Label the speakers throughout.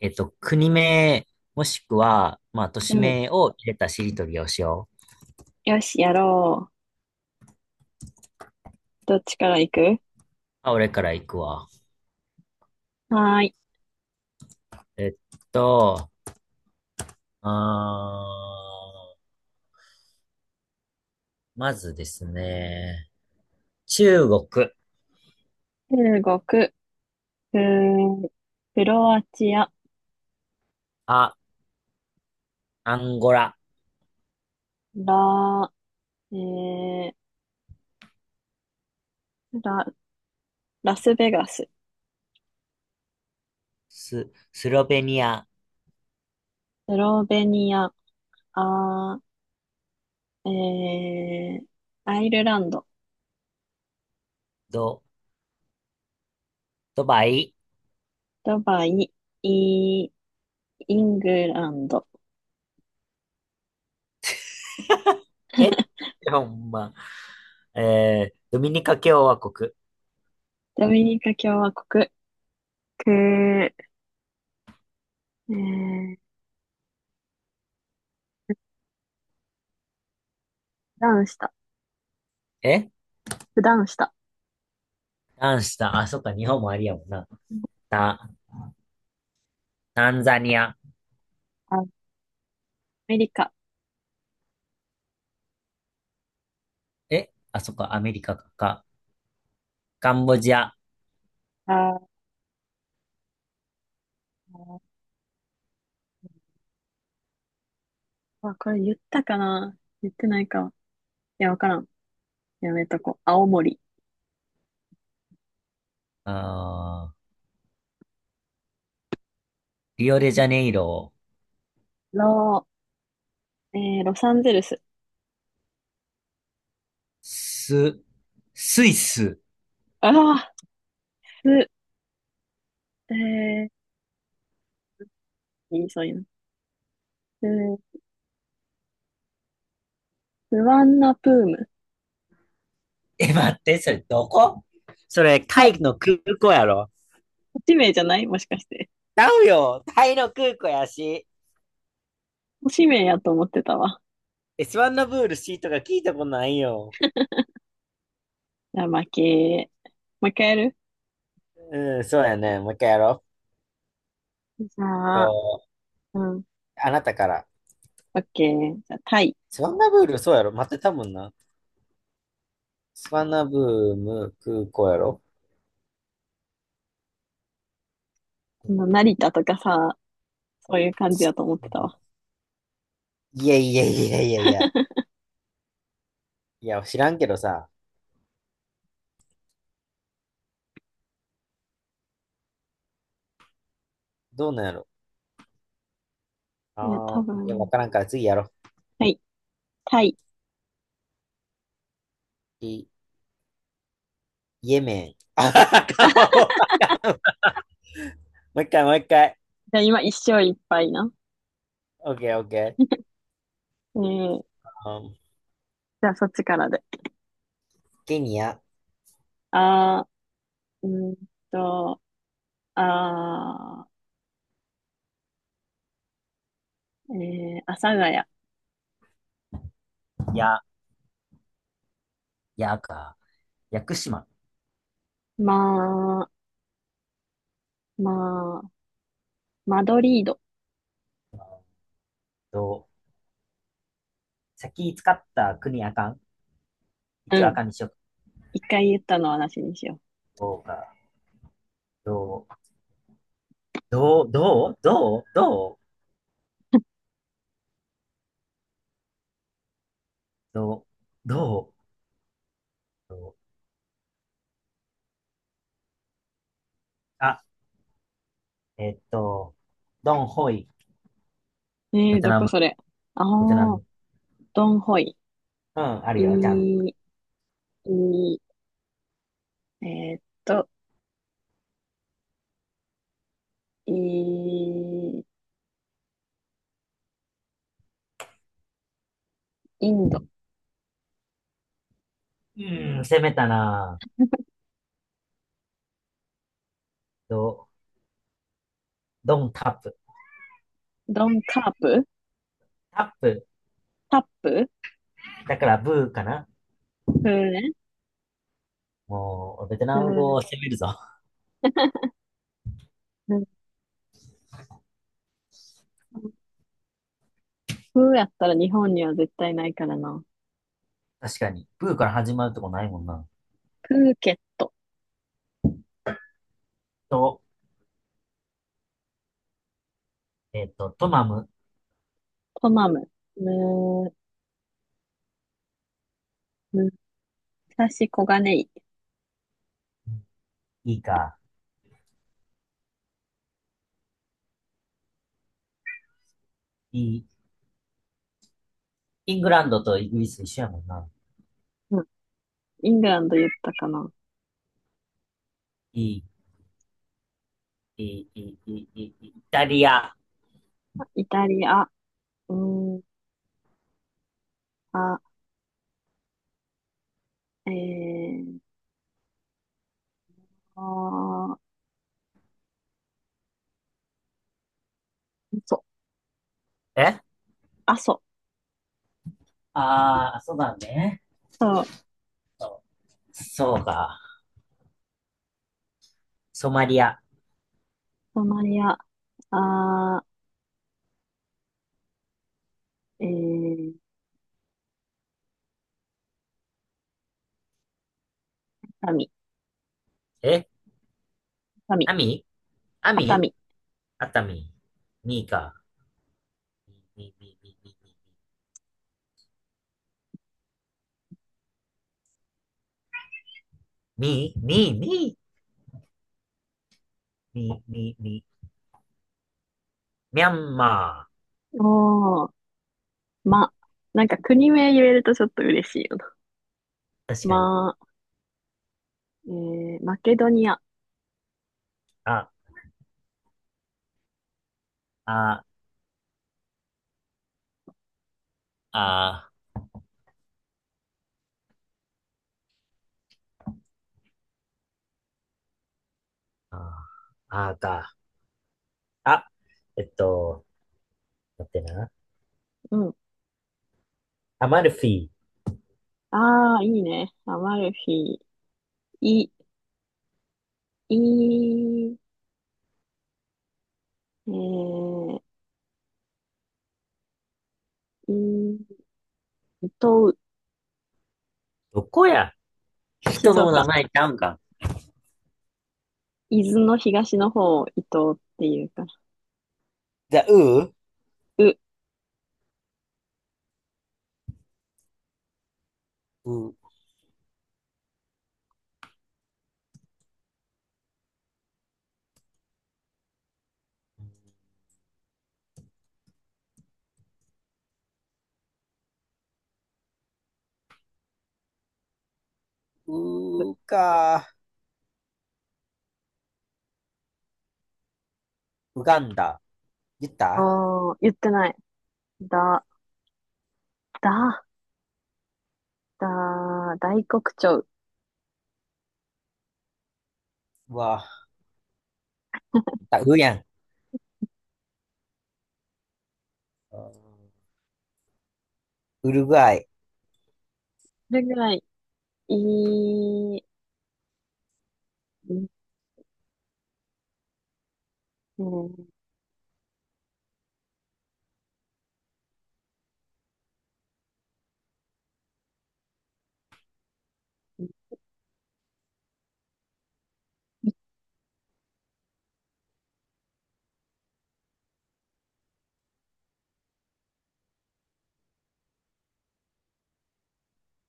Speaker 1: 国名、もしくは、まあ、都
Speaker 2: う
Speaker 1: 市
Speaker 2: ん。
Speaker 1: 名を入れたしりとりをしよう。
Speaker 2: よし、やろう。どっちから行く？
Speaker 1: あ、俺から行くわ。
Speaker 2: はーい。
Speaker 1: えっと、あー、まずですね、中国。
Speaker 2: 中国、ク、クロアチア、
Speaker 1: あ、アンゴラ。
Speaker 2: ラ、えー、ラ、ラスベガス、
Speaker 1: スロベニア。
Speaker 2: スロベニア、あー、えー、アイルランド、
Speaker 1: ド、ドバイ。
Speaker 2: ドバイ、イ、イングランド、
Speaker 1: え、ほんま、ドミニカ共和国。
Speaker 2: ドミニカ共和国、ク、ー、普段した、
Speaker 1: え、
Speaker 2: 普段した、
Speaker 1: 何した？あ、そっか、日本もありやもんな。タ、タンザニア。
Speaker 2: アメリカ、
Speaker 1: あ、そっか、アメリカか。カンボジア。
Speaker 2: あー、あ、これ言ったかな。言ってないか。や、わからん。やめとこう。青森。
Speaker 1: あー、リオデジャネイロ。
Speaker 2: ロー、ロサンゼルス。
Speaker 1: ス、スイス。
Speaker 2: ああ、す、えー、いい、そういうの。ー。スワンナプーム。
Speaker 1: 待って、それどこ？それ、
Speaker 2: は
Speaker 1: タ
Speaker 2: い。
Speaker 1: イの空港やろ。
Speaker 2: 都名じゃないもしかして？
Speaker 1: ちゃうよ。タイの空港やし。
Speaker 2: 都名やと思ってたわ。
Speaker 1: エスワンのブールシーか聞いたことないよ。
Speaker 2: じゃあ、負け。もう一回やる？
Speaker 1: うん、そうやね。もう一回やろ
Speaker 2: じ
Speaker 1: う。
Speaker 2: ゃあ、うん。
Speaker 1: あなたから。
Speaker 2: オッケー。じゃあ、タイ。
Speaker 1: スワンナブール、そうやろ。待ってたもんな。スワンナブーム空港やろ。
Speaker 2: この成田とかさ、そういう感じやと思ってたわ。
Speaker 1: いやいやいやいやいや。いや、知らんけどさ。どうなんやろ。
Speaker 2: いや、
Speaker 1: あ
Speaker 2: 多
Speaker 1: あ、いや、わ
Speaker 2: 分。
Speaker 1: からんから次やろう。
Speaker 2: はい。タイ。
Speaker 1: いいイエメン。あ もう一回、もう一回。
Speaker 2: じゃあ、今、一勝いっぱいな。
Speaker 1: オッケー、オッケー。
Speaker 2: えー、じゃあ、そっちからで。
Speaker 1: ケニア。
Speaker 2: あー、と、あー、阿佐ヶ谷。
Speaker 1: や、やか。屋久島。
Speaker 2: まあ、まあ、マドリード。
Speaker 1: どう？先使った国あかん。
Speaker 2: う
Speaker 1: 一はあ
Speaker 2: ん。
Speaker 1: かんにしよう。
Speaker 2: 一回言ったのはなしにしよ
Speaker 1: どうか。どう、どう、どう、どう、どう、どう、どう、あ、えっと、ドンホイ。
Speaker 2: う。
Speaker 1: ベト
Speaker 2: ど
Speaker 1: ナ
Speaker 2: こ
Speaker 1: ム、
Speaker 2: それ？あ
Speaker 1: ベトナ
Speaker 2: あ、
Speaker 1: ム。
Speaker 2: ドンホイ。
Speaker 1: うん、ある
Speaker 2: い
Speaker 1: よ、ちゃん
Speaker 2: い、いい、えーっと、いい、インド。
Speaker 1: うん、攻めたなぁ。ど、ドンタップ。
Speaker 2: ドンカープ。
Speaker 1: タップ。
Speaker 2: タップ。
Speaker 1: だからブーかな。
Speaker 2: プーね。
Speaker 1: もう、ベト
Speaker 2: プ
Speaker 1: ナム語を
Speaker 2: ー、
Speaker 1: 攻めるぞ。
Speaker 2: プーやったら日本には絶対ないからな。
Speaker 1: 確かに。プーから始まるとこないもんな。
Speaker 2: プーケット。
Speaker 1: と、えっと、トマム。
Speaker 2: トマム。む、むさし小金井。
Speaker 1: いいか。いい。イングランドとイギリス一緒やもんな。
Speaker 2: うん。イングランド言ったかな。
Speaker 1: いい、いい、イタリア。
Speaker 2: イタリア。うん、あ、えー、あー、そう、
Speaker 1: え
Speaker 2: あ、そ
Speaker 1: あー、そうだね。
Speaker 2: そう、
Speaker 1: そうか。ソマリア。
Speaker 2: ソマリア、あー、えー、熱海、
Speaker 1: え
Speaker 2: 熱海、
Speaker 1: アミア
Speaker 2: 熱
Speaker 1: ミ
Speaker 2: 海。
Speaker 1: 熱海。ミーか。ミー、ミー、ミー、ミー、ミー、ミー、ミー、ミー、ミー、ミー、ミャンマ
Speaker 2: おー、ま、なんか国名言えるとちょっと嬉しいよな。
Speaker 1: ー。確かに。
Speaker 2: ま、マケドニア、
Speaker 1: あ、あ、あ、あ、あーか。あ、えっと、待ってな。
Speaker 2: うん。
Speaker 1: アマルフィ。
Speaker 2: あー、いいね。アマルフィ、い、い、えー、い、伊東、
Speaker 1: どこや？
Speaker 2: 静
Speaker 1: 人の名
Speaker 2: 岡、
Speaker 1: 前ちゃうんか？
Speaker 2: 伊豆の東の方を伊東っていうから。
Speaker 1: じゃあ、ウー
Speaker 2: う、
Speaker 1: ウー、
Speaker 2: う
Speaker 1: ウーか、ウガンダ。言った？
Speaker 2: おー、言ってない。だ、だ、だ、大黒鳥。
Speaker 1: うわ、言ったウーやん。ウルグアイ。
Speaker 2: それぐらい、いい、んえー、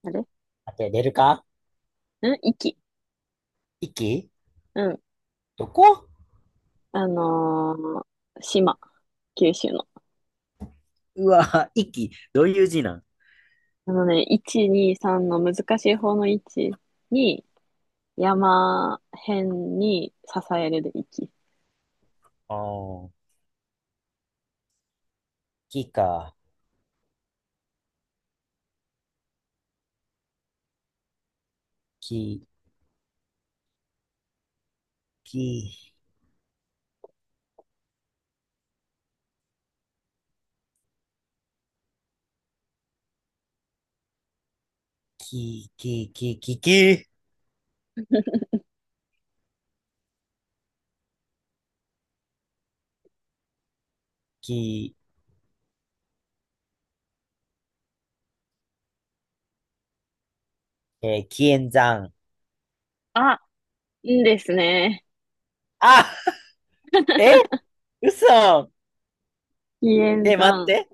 Speaker 2: あれ
Speaker 1: 当てれるか？
Speaker 2: ん息。
Speaker 1: イキ？
Speaker 2: うん。
Speaker 1: どこ？
Speaker 2: あのー島。九州の。
Speaker 1: うわ、息、どういう字なん？
Speaker 2: あのね、1、2、3の難しい方の1に、山辺に支えるで息。
Speaker 1: あー、キか。キ、キ、キ、キ、キ、キ、キ、キ、えー、キエンザン。
Speaker 2: あ、いいですね。
Speaker 1: あ、え、嘘。
Speaker 2: ヒエン。
Speaker 1: 待って、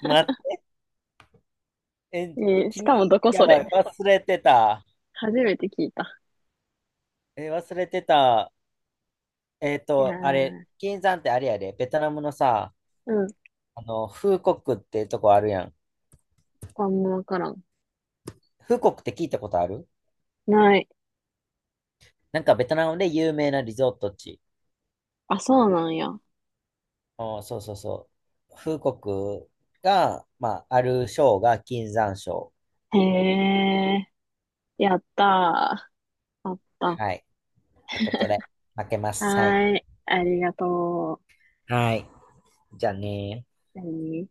Speaker 1: 待って。
Speaker 2: えーし
Speaker 1: 君、
Speaker 2: かもどこ
Speaker 1: や
Speaker 2: そ
Speaker 1: ば
Speaker 2: れ？
Speaker 1: い、忘れてた。
Speaker 2: 初めて聞いた。
Speaker 1: 忘れてた。
Speaker 2: いや
Speaker 1: あれ、
Speaker 2: ー、
Speaker 1: 金山ってあれやで、ベトナムのさ、
Speaker 2: うん、
Speaker 1: あの、フーコックってとこあるやん。
Speaker 2: あんまわからん。
Speaker 1: フーコックって聞いたことある？
Speaker 2: ない。
Speaker 1: なんかベトナムで有名なリゾート地。
Speaker 2: あ、そうなんや。
Speaker 1: あー、そうそうそう。フーコックが、まあ、ある賞が金山賞。
Speaker 2: へえ、やったー。あった。は
Speaker 1: はい。ってことで、負けます。はい。
Speaker 2: ーい、ありがと
Speaker 1: はい。じゃあね
Speaker 2: う。何